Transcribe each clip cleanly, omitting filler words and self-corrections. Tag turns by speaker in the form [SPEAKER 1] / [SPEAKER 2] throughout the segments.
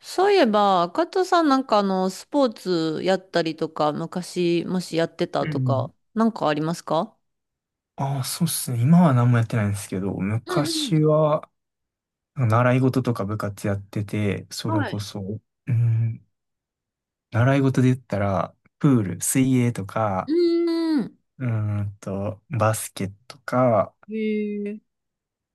[SPEAKER 1] そういえば、加藤さんスポーツやったりとか、昔、もしやってた
[SPEAKER 2] う
[SPEAKER 1] と
[SPEAKER 2] ん。
[SPEAKER 1] か、なんかありますか？
[SPEAKER 2] ああ、そうっすね。今は何もやってないんですけど、
[SPEAKER 1] う
[SPEAKER 2] 昔
[SPEAKER 1] ん
[SPEAKER 2] は、習い事とか部活やってて、
[SPEAKER 1] う
[SPEAKER 2] そ
[SPEAKER 1] ん。
[SPEAKER 2] れ
[SPEAKER 1] はい。
[SPEAKER 2] こ
[SPEAKER 1] う
[SPEAKER 2] そ、うん、習い事で言ったら、プール、水泳とか、
[SPEAKER 1] ーん。
[SPEAKER 2] バスケとか、
[SPEAKER 1] へえ。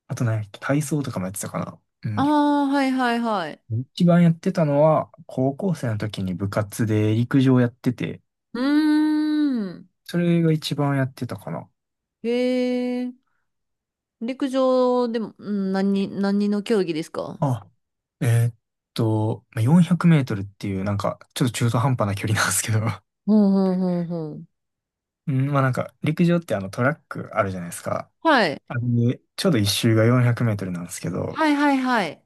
[SPEAKER 2] あと何やっけ、体操とかもやってたかな。う
[SPEAKER 1] あ
[SPEAKER 2] ん。
[SPEAKER 1] あ、はいはいはい。
[SPEAKER 2] 一番やってたのは、高校生の時に部活で陸上やってて、
[SPEAKER 1] うーん。
[SPEAKER 2] それが一番やってたかな。
[SPEAKER 1] へえ。陸上でも、何、何の競技ですか？
[SPEAKER 2] あ、えーっまあ400メートルっていう、なんか、ちょっと中途半端な距離なんですけど。
[SPEAKER 1] ほうほうほうほう。
[SPEAKER 2] うん、まあなんか、陸上ってあのトラックあるじゃないですか。
[SPEAKER 1] はい。
[SPEAKER 2] あれで、ちょうど一周が400メートルなんですけど、
[SPEAKER 1] はいはいはい。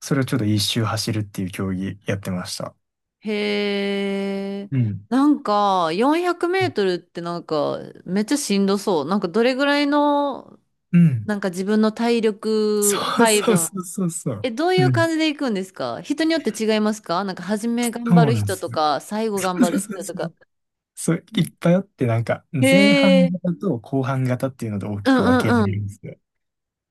[SPEAKER 2] それをちょうど一周走るっていう競技やってました。
[SPEAKER 1] へえ。
[SPEAKER 2] うん。
[SPEAKER 1] なんか、400メートルってなんか、めっちゃしんどそう。なんか、どれぐらいの、
[SPEAKER 2] うん。
[SPEAKER 1] なんか自分の体力
[SPEAKER 2] そう
[SPEAKER 1] 配
[SPEAKER 2] そう
[SPEAKER 1] 分。
[SPEAKER 2] そうそうそう。
[SPEAKER 1] え、どうい
[SPEAKER 2] う
[SPEAKER 1] う
[SPEAKER 2] ん。
[SPEAKER 1] 感じで行くんですか？人によって違いますか？なんか初め頑
[SPEAKER 2] そう
[SPEAKER 1] 張る
[SPEAKER 2] なんで
[SPEAKER 1] 人
[SPEAKER 2] す
[SPEAKER 1] と
[SPEAKER 2] よ。
[SPEAKER 1] か、最後
[SPEAKER 2] そ
[SPEAKER 1] 頑
[SPEAKER 2] う
[SPEAKER 1] 張
[SPEAKER 2] そ
[SPEAKER 1] る
[SPEAKER 2] うそう
[SPEAKER 1] 人と
[SPEAKER 2] そ
[SPEAKER 1] か。
[SPEAKER 2] う。そう、
[SPEAKER 1] う
[SPEAKER 2] い
[SPEAKER 1] ん。
[SPEAKER 2] っぱいあって、なんか、前
[SPEAKER 1] へ
[SPEAKER 2] 半
[SPEAKER 1] え。
[SPEAKER 2] 型と後半型っていうので大
[SPEAKER 1] う
[SPEAKER 2] き
[SPEAKER 1] ん
[SPEAKER 2] く
[SPEAKER 1] う
[SPEAKER 2] 分けら
[SPEAKER 1] んう
[SPEAKER 2] れるん
[SPEAKER 1] ん。
[SPEAKER 2] ですよ。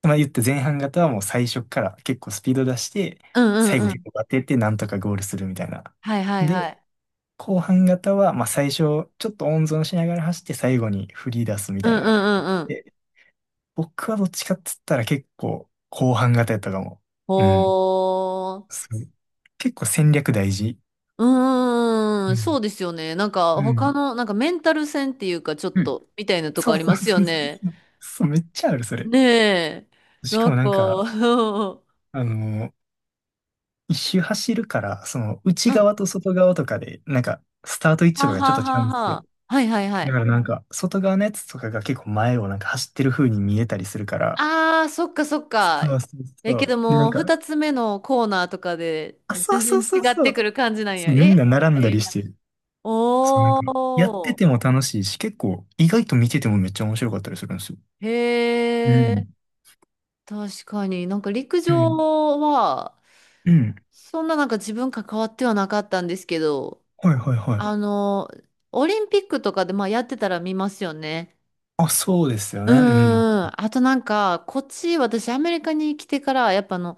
[SPEAKER 2] まあ言って前半型はもう最初から結構スピード出して、
[SPEAKER 1] うんう
[SPEAKER 2] 最後
[SPEAKER 1] んう
[SPEAKER 2] 結
[SPEAKER 1] ん。
[SPEAKER 2] 構当ててなんとかゴールするみたいな。
[SPEAKER 1] はいはい
[SPEAKER 2] で、
[SPEAKER 1] はい。
[SPEAKER 2] 後半型は、まあ、最初、ちょっと温存しながら走って最後に振り出すみ
[SPEAKER 1] う
[SPEAKER 2] た
[SPEAKER 1] ん
[SPEAKER 2] い
[SPEAKER 1] う
[SPEAKER 2] な。
[SPEAKER 1] んうんう
[SPEAKER 2] で、
[SPEAKER 1] ん。
[SPEAKER 2] 僕はどっちかっつったら結構後半型やったかも。
[SPEAKER 1] ほ
[SPEAKER 2] うん。
[SPEAKER 1] ー。
[SPEAKER 2] すごい結構戦略大事。
[SPEAKER 1] うー
[SPEAKER 2] う
[SPEAKER 1] ん、そ
[SPEAKER 2] ん。
[SPEAKER 1] うですよね。なんか
[SPEAKER 2] う
[SPEAKER 1] 他
[SPEAKER 2] ん。
[SPEAKER 1] の、なんかメンタル戦っていうか、ちょっ
[SPEAKER 2] うん、
[SPEAKER 1] とみたいなと
[SPEAKER 2] そ
[SPEAKER 1] こあ
[SPEAKER 2] う
[SPEAKER 1] り
[SPEAKER 2] そ
[SPEAKER 1] ま
[SPEAKER 2] う
[SPEAKER 1] すよ
[SPEAKER 2] そうそう。
[SPEAKER 1] ね。
[SPEAKER 2] そう、めっちゃある、それ。
[SPEAKER 1] ねえ。
[SPEAKER 2] し
[SPEAKER 1] な
[SPEAKER 2] か
[SPEAKER 1] ん
[SPEAKER 2] もな
[SPEAKER 1] か、
[SPEAKER 2] ん か、
[SPEAKER 1] うん。
[SPEAKER 2] あの、一周走るから、その内
[SPEAKER 1] は
[SPEAKER 2] 側と外側とかで、なんか、スタート位置と
[SPEAKER 1] は
[SPEAKER 2] かがちょっ
[SPEAKER 1] は
[SPEAKER 2] と違うんですけど。
[SPEAKER 1] は。はいはいは
[SPEAKER 2] だか
[SPEAKER 1] い。
[SPEAKER 2] らなんか、外側のやつとかが結構前をなんか走ってる風に見えたりするから、
[SPEAKER 1] ああ、そっかそっか。
[SPEAKER 2] そうそう
[SPEAKER 1] え、
[SPEAKER 2] そ
[SPEAKER 1] け
[SPEAKER 2] う。
[SPEAKER 1] ど
[SPEAKER 2] で、なん
[SPEAKER 1] もう、
[SPEAKER 2] か、
[SPEAKER 1] 二つ目のコーナーとかで
[SPEAKER 2] あ、
[SPEAKER 1] 全
[SPEAKER 2] そう
[SPEAKER 1] 然
[SPEAKER 2] そうそう
[SPEAKER 1] 違っ
[SPEAKER 2] そ
[SPEAKER 1] て
[SPEAKER 2] う。
[SPEAKER 1] くる感じなん
[SPEAKER 2] そ
[SPEAKER 1] や。
[SPEAKER 2] う、み
[SPEAKER 1] え
[SPEAKER 2] ん
[SPEAKER 1] み
[SPEAKER 2] な並
[SPEAKER 1] た
[SPEAKER 2] んだ
[SPEAKER 1] い
[SPEAKER 2] りし
[SPEAKER 1] な。
[SPEAKER 2] て、そう、なん
[SPEAKER 1] お
[SPEAKER 2] か、やって
[SPEAKER 1] ー。
[SPEAKER 2] ても楽しいし、結構、意外と見ててもめっちゃ面白かったりするんですよ。
[SPEAKER 1] へ
[SPEAKER 2] う
[SPEAKER 1] え。
[SPEAKER 2] ん。
[SPEAKER 1] 確かに。なんか陸
[SPEAKER 2] うん。
[SPEAKER 1] 上は、
[SPEAKER 2] うん。
[SPEAKER 1] そんななんか自分関わってはなかったんですけど、
[SPEAKER 2] はいはいはい。
[SPEAKER 1] あの、オリンピックとかでまあやってたら見ますよね。
[SPEAKER 2] あ、そうですよ
[SPEAKER 1] うー
[SPEAKER 2] ね。うん。
[SPEAKER 1] ん。あとなんか、こっち、私アメリカに来てから、やっぱあの、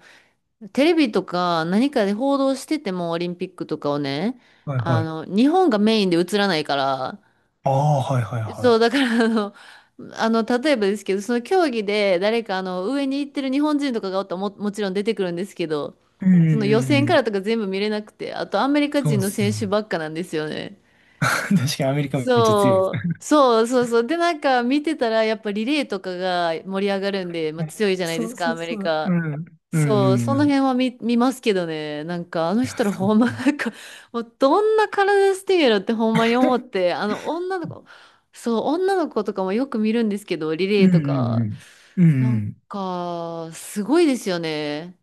[SPEAKER 1] テレビとか何かで報道しててもオリンピックとかをね、
[SPEAKER 2] はいは
[SPEAKER 1] あ
[SPEAKER 2] い。
[SPEAKER 1] の、日本がメインで映らないから、
[SPEAKER 2] ああ、はいはい
[SPEAKER 1] そ
[SPEAKER 2] は
[SPEAKER 1] う、だからあの、あの、例えばですけど、その競技で誰かあの、上に行ってる日本人とかがおったらも、もちろん出てくるんですけど、
[SPEAKER 2] い。うんう
[SPEAKER 1] その予選
[SPEAKER 2] んう
[SPEAKER 1] か
[SPEAKER 2] ん。
[SPEAKER 1] らとか全部見れなくて、あとアメリカ
[SPEAKER 2] そう
[SPEAKER 1] 人
[SPEAKER 2] で
[SPEAKER 1] の
[SPEAKER 2] すね。
[SPEAKER 1] 選手ばっかなんですよね。
[SPEAKER 2] 確かにアメリカめっちゃ強い。
[SPEAKER 1] そう、そうそうそう。で、なんか見てたら、やっぱリレーとかが盛り上がるんで、まあ、強いじゃないで
[SPEAKER 2] そう
[SPEAKER 1] すか、
[SPEAKER 2] そ
[SPEAKER 1] ア
[SPEAKER 2] う
[SPEAKER 1] メ
[SPEAKER 2] そ
[SPEAKER 1] リ
[SPEAKER 2] う。う
[SPEAKER 1] カ。
[SPEAKER 2] ん。うんう
[SPEAKER 1] そう、
[SPEAKER 2] ん
[SPEAKER 1] そ
[SPEAKER 2] う
[SPEAKER 1] の
[SPEAKER 2] ん。い
[SPEAKER 1] 辺は見ますけどね、なんかあの
[SPEAKER 2] や、
[SPEAKER 1] 人ら
[SPEAKER 2] そっ
[SPEAKER 1] ほんま、
[SPEAKER 2] か。
[SPEAKER 1] なんか、もうどんな体してんやろってほんまに思って、あの女の子、そう、女の子とかもよく見るんですけど、リ
[SPEAKER 2] う
[SPEAKER 1] レ
[SPEAKER 2] ん
[SPEAKER 1] ーと
[SPEAKER 2] う
[SPEAKER 1] か、
[SPEAKER 2] んうん。う
[SPEAKER 1] な
[SPEAKER 2] んう
[SPEAKER 1] ん
[SPEAKER 2] ん。
[SPEAKER 1] か、すごいですよね。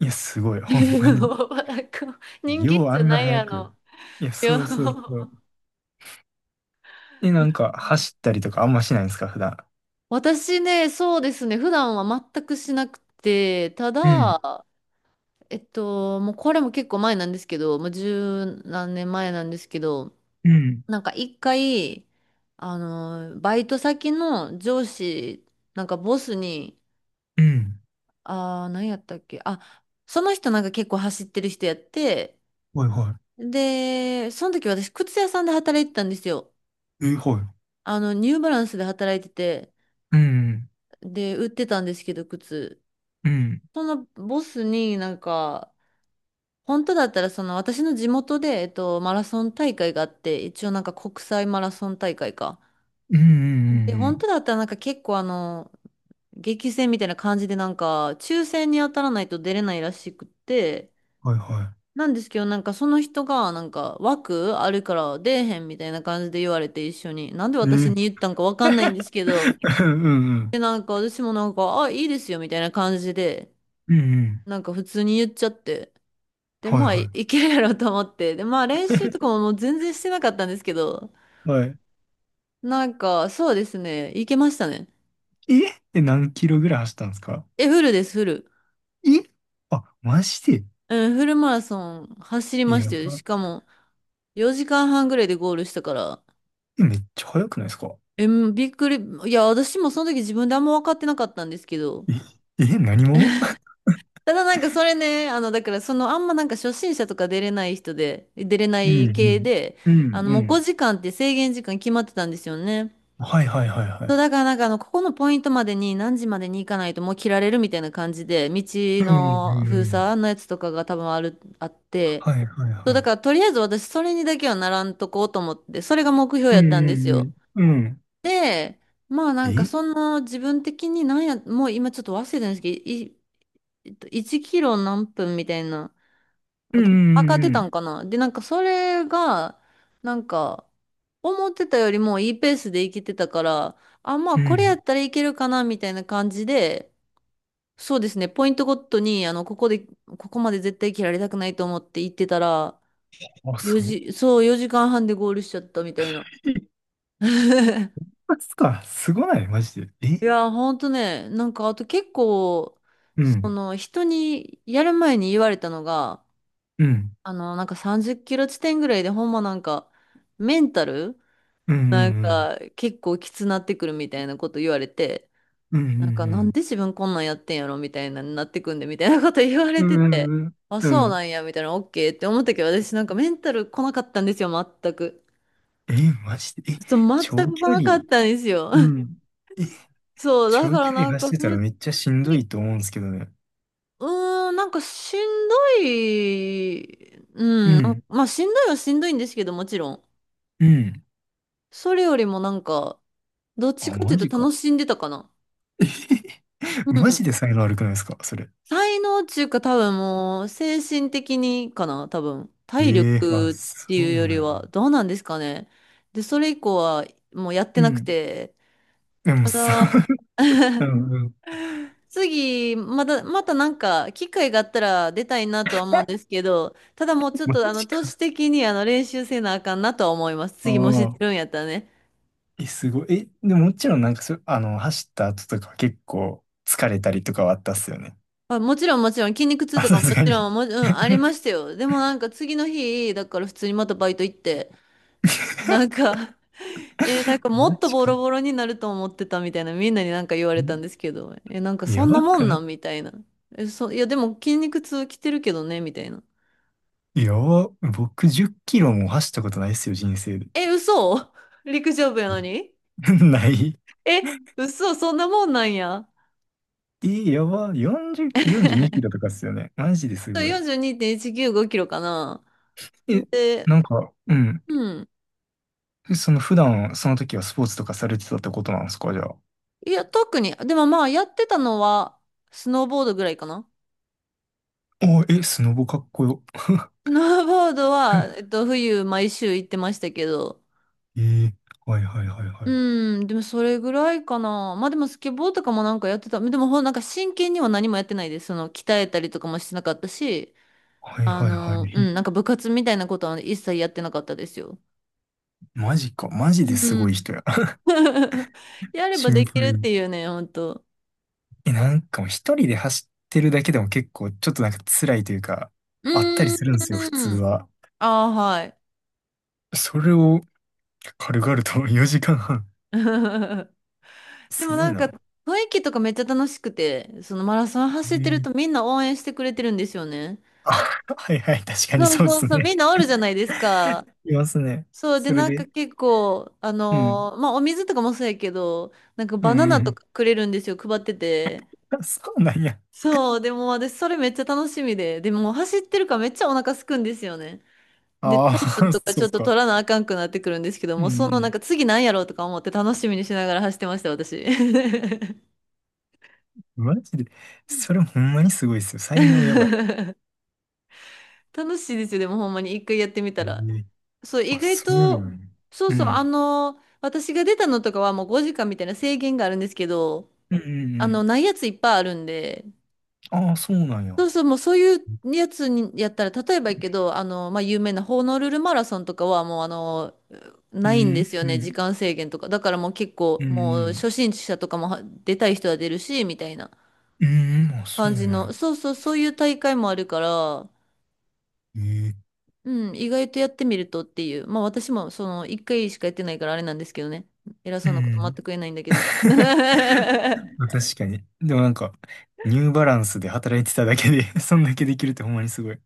[SPEAKER 2] いや、すごい。ほんまに。
[SPEAKER 1] なんか人気
[SPEAKER 2] よう
[SPEAKER 1] じ
[SPEAKER 2] あ
[SPEAKER 1] ゃ
[SPEAKER 2] んな
[SPEAKER 1] ない
[SPEAKER 2] 早
[SPEAKER 1] あ
[SPEAKER 2] く。
[SPEAKER 1] の、
[SPEAKER 2] いや、
[SPEAKER 1] いや、
[SPEAKER 2] そうそうそう。え、な
[SPEAKER 1] め
[SPEAKER 2] んか、走ったりとかあんましないんですか、普段。
[SPEAKER 1] 私ね、そうですね、普段は全くしなくて、た
[SPEAKER 2] うん、
[SPEAKER 1] だ、もうこれも結構前なんですけど、もう十何年前なんですけど、
[SPEAKER 2] うん、
[SPEAKER 1] なんか一回、あの、バイト先の上司、なんかボスに、
[SPEAKER 2] うん。
[SPEAKER 1] あー、何やったっけ、あ、その人なんか結構走ってる人やって、
[SPEAKER 2] はいは
[SPEAKER 1] で、その時私、靴屋さんで働いてたんですよ。
[SPEAKER 2] い。え、は
[SPEAKER 1] あの、ニューバランスで働いてて、
[SPEAKER 2] い。うん、
[SPEAKER 1] で、売ってたんですけど、靴。
[SPEAKER 2] うん、
[SPEAKER 1] そのボスになんか、本当だったら、その私の地元で、マラソン大会があって、一応なんか国際マラソン大会か。
[SPEAKER 2] うん、うん、う
[SPEAKER 1] で、
[SPEAKER 2] ん。う
[SPEAKER 1] 本当
[SPEAKER 2] ん。
[SPEAKER 1] だったらなんか結構あの、激戦みたいな感じでなんか、抽選に当たらないと出れないらしくって、
[SPEAKER 2] はいは
[SPEAKER 1] なんですけど、なんかその人がなんか枠あるから出えへんみたいな感じで言われて一緒に、なんで
[SPEAKER 2] い。
[SPEAKER 1] 私
[SPEAKER 2] え、
[SPEAKER 1] に言ったんかわかんないんですけど、
[SPEAKER 2] うんうん。
[SPEAKER 1] で、なんか私もなんか、あ、いいですよみたいな感じで、
[SPEAKER 2] うん、うん。
[SPEAKER 1] なんか普通に言っちゃって。で、
[SPEAKER 2] はい
[SPEAKER 1] まあ、い
[SPEAKER 2] は
[SPEAKER 1] いけるやろうと思って。で、まあ、練習とかももう全然してなかったんですけど、
[SPEAKER 2] いはい。
[SPEAKER 1] なんか、そうですね、いけましたね。
[SPEAKER 2] えって何キロぐらい走ったんですか？
[SPEAKER 1] え、フルです、フル。
[SPEAKER 2] え、あ、マジで。
[SPEAKER 1] うん、フルマラソン走り
[SPEAKER 2] い
[SPEAKER 1] まし
[SPEAKER 2] や
[SPEAKER 1] たよ。し
[SPEAKER 2] ば、
[SPEAKER 1] かも、4時間半ぐらいでゴールしたから、
[SPEAKER 2] え、めっちゃ速くないですか？
[SPEAKER 1] え、うん、びっくり。いや、私もその時自分であんま分かってなかったんですけど、
[SPEAKER 2] え、え、何者。
[SPEAKER 1] ただなんかそれね、あの、だからその、あんまなんか初心者とか出れない人で、出れな
[SPEAKER 2] う
[SPEAKER 1] い
[SPEAKER 2] んう
[SPEAKER 1] 系
[SPEAKER 2] ん。
[SPEAKER 1] で、
[SPEAKER 2] う
[SPEAKER 1] あ
[SPEAKER 2] ん
[SPEAKER 1] の、
[SPEAKER 2] う
[SPEAKER 1] もう
[SPEAKER 2] ん。
[SPEAKER 1] 5時間って制限時間決まってたんですよね。
[SPEAKER 2] はいはいはいは
[SPEAKER 1] そう、
[SPEAKER 2] い。
[SPEAKER 1] だからなんかあの、ここのポイントまでに何時までに行かないともう切られるみたいな感じで、道
[SPEAKER 2] うんう
[SPEAKER 1] の
[SPEAKER 2] ん
[SPEAKER 1] 封
[SPEAKER 2] うん。
[SPEAKER 1] 鎖のやつとかが多分あって、
[SPEAKER 2] はいはい
[SPEAKER 1] そう、
[SPEAKER 2] は
[SPEAKER 1] だ
[SPEAKER 2] い。
[SPEAKER 1] からとりあえず私それにだけはならんとこうと思って、それが目標
[SPEAKER 2] う
[SPEAKER 1] やった
[SPEAKER 2] ん
[SPEAKER 1] んで
[SPEAKER 2] う
[SPEAKER 1] す
[SPEAKER 2] ん
[SPEAKER 1] よ。
[SPEAKER 2] うん。うん。
[SPEAKER 1] で、まあなんか
[SPEAKER 2] え、
[SPEAKER 1] その自分的になんや、もう今ちょっと忘れてるんですけど、1キロ何分みたいな。
[SPEAKER 2] う
[SPEAKER 1] 私、上がって
[SPEAKER 2] んう
[SPEAKER 1] た
[SPEAKER 2] ん
[SPEAKER 1] んかな。で、なんかそれが、なんか、思ってたよりもいいペースでいけてたから、あ、まあ
[SPEAKER 2] うんう
[SPEAKER 1] これや
[SPEAKER 2] ん。
[SPEAKER 1] ったらいけるかな、みたいな感じで、そうですね、ポイントごとに、あの、ここで、ここまで絶対切られたくないと思って行ってたら、
[SPEAKER 2] あ、
[SPEAKER 1] 4
[SPEAKER 2] そう。
[SPEAKER 1] 時、そう、4時間半でゴールしちゃったみたいな。
[SPEAKER 2] え、一 発か。すごないマジで。
[SPEAKER 1] い
[SPEAKER 2] え、
[SPEAKER 1] や、ほんとね、なんかあと結構、
[SPEAKER 2] う
[SPEAKER 1] そ
[SPEAKER 2] ん。
[SPEAKER 1] の人にやる前に言われたのが、
[SPEAKER 2] うん。
[SPEAKER 1] あの、なんか30キロ地点ぐらいでほんまなんか、メンタル
[SPEAKER 2] うんう
[SPEAKER 1] なん
[SPEAKER 2] ん
[SPEAKER 1] か結構きつなってくるみたいなこと言われて、
[SPEAKER 2] うん。うんうんう
[SPEAKER 1] なんかなん
[SPEAKER 2] ん。
[SPEAKER 1] で自分こんなんやってんやろみたいなになってくんでみたいなこと言わ
[SPEAKER 2] う
[SPEAKER 1] れてて、
[SPEAKER 2] んうん
[SPEAKER 1] あ、
[SPEAKER 2] う
[SPEAKER 1] そうな
[SPEAKER 2] ん。
[SPEAKER 1] んやみたいな、オッケーって思ったけど、私なんかメンタル来なかったんですよ、全く。
[SPEAKER 2] え、マジで。え、
[SPEAKER 1] そう、全
[SPEAKER 2] 長
[SPEAKER 1] く来
[SPEAKER 2] 距
[SPEAKER 1] な
[SPEAKER 2] 離、
[SPEAKER 1] かったんですよ。
[SPEAKER 2] う ん。え、
[SPEAKER 1] そう、だ
[SPEAKER 2] 長
[SPEAKER 1] か
[SPEAKER 2] 距
[SPEAKER 1] ら
[SPEAKER 2] 離
[SPEAKER 1] なん
[SPEAKER 2] 走
[SPEAKER 1] か
[SPEAKER 2] っ
[SPEAKER 1] 普
[SPEAKER 2] てたら
[SPEAKER 1] 通
[SPEAKER 2] めっちゃしんど
[SPEAKER 1] に、
[SPEAKER 2] いと思うんですけどね。
[SPEAKER 1] うーん、なんかしんどい、う
[SPEAKER 2] う
[SPEAKER 1] ん、なん
[SPEAKER 2] ん。
[SPEAKER 1] まあしんどいはしんどいんですけど、もちろん。
[SPEAKER 2] うん。
[SPEAKER 1] それよりもなんか、どっち
[SPEAKER 2] あ、
[SPEAKER 1] かってい
[SPEAKER 2] マ
[SPEAKER 1] う
[SPEAKER 2] ジ
[SPEAKER 1] と楽
[SPEAKER 2] か。
[SPEAKER 1] しんでたかな。
[SPEAKER 2] え
[SPEAKER 1] う
[SPEAKER 2] マ
[SPEAKER 1] ん、
[SPEAKER 2] ジで才能悪くないですかそれ。
[SPEAKER 1] 才能っていうか多分もう精神的にかな、多分体
[SPEAKER 2] ええ、あ、
[SPEAKER 1] 力っ
[SPEAKER 2] そ
[SPEAKER 1] て
[SPEAKER 2] う
[SPEAKER 1] いうよ
[SPEAKER 2] な
[SPEAKER 1] りは、
[SPEAKER 2] の？
[SPEAKER 1] どうなんですかね。でそれ以降はもうやって
[SPEAKER 2] う
[SPEAKER 1] なく
[SPEAKER 2] ん。
[SPEAKER 1] て。
[SPEAKER 2] でもさ、う ん。
[SPEAKER 1] 次、またまたなんか機会があったら出たいなとは思うんですけど、ただもうちょっ
[SPEAKER 2] マ
[SPEAKER 1] とあの
[SPEAKER 2] ジ
[SPEAKER 1] 都
[SPEAKER 2] か。
[SPEAKER 1] 市的にあの練習せなあかんなとは思います、
[SPEAKER 2] あ
[SPEAKER 1] 次もし出
[SPEAKER 2] あ。
[SPEAKER 1] るんやったらね。
[SPEAKER 2] え、すごい。え、でももちろんなんかあの、走った後とかは結構疲れたりとかはあったっすよね。
[SPEAKER 1] まあ、もちろんもちろん筋肉 痛
[SPEAKER 2] あ、
[SPEAKER 1] と
[SPEAKER 2] さ
[SPEAKER 1] か、も
[SPEAKER 2] すが
[SPEAKER 1] ち
[SPEAKER 2] に。
[SPEAKER 1] ろんも、うん、ありましたよ。でもなんか次の日だから普通にまたバイト行って、なんかえー、なんかも
[SPEAKER 2] マ
[SPEAKER 1] っと
[SPEAKER 2] ジ
[SPEAKER 1] ボ
[SPEAKER 2] か。
[SPEAKER 1] ロボロになると思ってたみたいな、みんなになんか言われたんですけど、え、なんかそ
[SPEAKER 2] や
[SPEAKER 1] んな
[SPEAKER 2] ば
[SPEAKER 1] も
[SPEAKER 2] く
[SPEAKER 1] ん
[SPEAKER 2] な
[SPEAKER 1] なんみたいな。え、いやでも筋肉痛来てるけどね、みたいな。
[SPEAKER 2] い。やば。僕10キロも走ったことないっすよ、人生で。
[SPEAKER 1] え、嘘。 陸上部やのに。
[SPEAKER 2] ない。
[SPEAKER 1] え、嘘、そんなもんなんや。
[SPEAKER 2] え、やば。40、42キロとかっすよね。マジですごい。
[SPEAKER 1] 42.195キロかな。
[SPEAKER 2] え、
[SPEAKER 1] で、
[SPEAKER 2] なんか、うん。
[SPEAKER 1] うん。
[SPEAKER 2] その普段、その時はスポーツとかされてたってことなんですか、じゃあ。
[SPEAKER 1] いや、特に、でもまあやってたのは、スノーボードぐらいかな。
[SPEAKER 2] お、え、スノボかっこよ。
[SPEAKER 1] スノーボードは、冬毎週行ってましたけど、
[SPEAKER 2] ええ、はいはいはいはい。
[SPEAKER 1] うん、でもそれぐらいかな。まあでもスケボーとかもなんかやってた。でもほんなんか真剣には何もやってないです。その鍛えたりとかもしてなかったし、
[SPEAKER 2] はい
[SPEAKER 1] あ
[SPEAKER 2] はいは
[SPEAKER 1] の、うん、
[SPEAKER 2] い。
[SPEAKER 1] なんか部活みたいなことは一切やってなかったですよ。
[SPEAKER 2] え、マジか。マジです
[SPEAKER 1] う
[SPEAKER 2] ごい
[SPEAKER 1] ん。
[SPEAKER 2] 人や。
[SPEAKER 1] やれ
[SPEAKER 2] シ
[SPEAKER 1] ば
[SPEAKER 2] ン
[SPEAKER 1] で
[SPEAKER 2] プ
[SPEAKER 1] きるっ
[SPEAKER 2] ルに。
[SPEAKER 1] ていうね、ほんと。
[SPEAKER 2] え、なんかもう一人で走ってるだけでも結構ちょっとなんか辛いというか、
[SPEAKER 1] う
[SPEAKER 2] あったり
[SPEAKER 1] ー
[SPEAKER 2] するんですよ、普通
[SPEAKER 1] ん。
[SPEAKER 2] は。
[SPEAKER 1] ああ、はい。
[SPEAKER 2] それを軽々と 4時間半。
[SPEAKER 1] で
[SPEAKER 2] す
[SPEAKER 1] も
[SPEAKER 2] ご
[SPEAKER 1] な
[SPEAKER 2] い
[SPEAKER 1] んか
[SPEAKER 2] な。
[SPEAKER 1] 雰囲気とかめっちゃ楽しくて、そのマラソン走
[SPEAKER 2] え
[SPEAKER 1] ってる
[SPEAKER 2] ー、
[SPEAKER 1] とみんな応援してくれてるんですよね。
[SPEAKER 2] あ、はいはい、確かに
[SPEAKER 1] そう
[SPEAKER 2] そうで
[SPEAKER 1] そう
[SPEAKER 2] す
[SPEAKER 1] そう、
[SPEAKER 2] ね。
[SPEAKER 1] みんなおるじゃないですか。
[SPEAKER 2] いますね。
[SPEAKER 1] そうで
[SPEAKER 2] それ
[SPEAKER 1] なんか
[SPEAKER 2] で、
[SPEAKER 1] 結構あ
[SPEAKER 2] うん、
[SPEAKER 1] のー、まあお水とかもそうやけど、なんか
[SPEAKER 2] うん、
[SPEAKER 1] バ
[SPEAKER 2] う
[SPEAKER 1] ナナと
[SPEAKER 2] ん。
[SPEAKER 1] かくれるんですよ、配ってて。
[SPEAKER 2] あ、そうなんや。
[SPEAKER 1] そう、でも私それめっちゃ楽しみで、でも走ってるからめっちゃお腹すくんですよね。で
[SPEAKER 2] あ
[SPEAKER 1] 糖分
[SPEAKER 2] あ、
[SPEAKER 1] と か
[SPEAKER 2] そ
[SPEAKER 1] ちょ
[SPEAKER 2] う
[SPEAKER 1] っと
[SPEAKER 2] か。
[SPEAKER 1] 取らなあかんくなってくるんですけど
[SPEAKER 2] うん、
[SPEAKER 1] も、そ
[SPEAKER 2] う
[SPEAKER 1] のなん
[SPEAKER 2] ん。
[SPEAKER 1] か次なんやろうとか思って楽しみにしながら走ってました、私。
[SPEAKER 2] マジで、それほんまにすごいですよ。才能やばい。
[SPEAKER 1] 楽しいですよ、でもほんまに一回やってみ
[SPEAKER 2] え
[SPEAKER 1] たら。
[SPEAKER 2] ー、
[SPEAKER 1] そう、意
[SPEAKER 2] あ、
[SPEAKER 1] 外
[SPEAKER 2] そうな
[SPEAKER 1] と。
[SPEAKER 2] んや。
[SPEAKER 1] そう
[SPEAKER 2] う
[SPEAKER 1] そう、
[SPEAKER 2] ん。
[SPEAKER 1] あの、私が出たのとかはもう5時間みたいな制限があるんですけど、
[SPEAKER 2] うん
[SPEAKER 1] あ
[SPEAKER 2] う
[SPEAKER 1] の、
[SPEAKER 2] ん
[SPEAKER 1] ないやついっぱいあるんで、
[SPEAKER 2] うん。ああ、そうなんや。
[SPEAKER 1] そうそう、もうそういうやつにやったら、例えばやけど、あの、まあ、有名なホノルルマラソンとかはもうあの、
[SPEAKER 2] う
[SPEAKER 1] ないんで
[SPEAKER 2] ん、
[SPEAKER 1] すよ
[SPEAKER 2] う
[SPEAKER 1] ね、時
[SPEAKER 2] ん、
[SPEAKER 1] 間制限とか。だからもう結
[SPEAKER 2] う
[SPEAKER 1] 構、もう
[SPEAKER 2] ん、う
[SPEAKER 1] 初心者とかもは出たい人は出るし、みたいな
[SPEAKER 2] ん、うん。あ、そう
[SPEAKER 1] 感じ
[SPEAKER 2] なんや。
[SPEAKER 1] の、そうそう、そういう大会もあるから、
[SPEAKER 2] ええ、
[SPEAKER 1] うん、意外とやってみるとっていう。まあ私もその1回しかやってないからあれなんですけどね。偉そ
[SPEAKER 2] う
[SPEAKER 1] うなこと全
[SPEAKER 2] ん。
[SPEAKER 1] く言えないんだけど。
[SPEAKER 2] 確かに。でもなんか、ニューバランスで働いてただけで そんだけできるってほんまにすごい。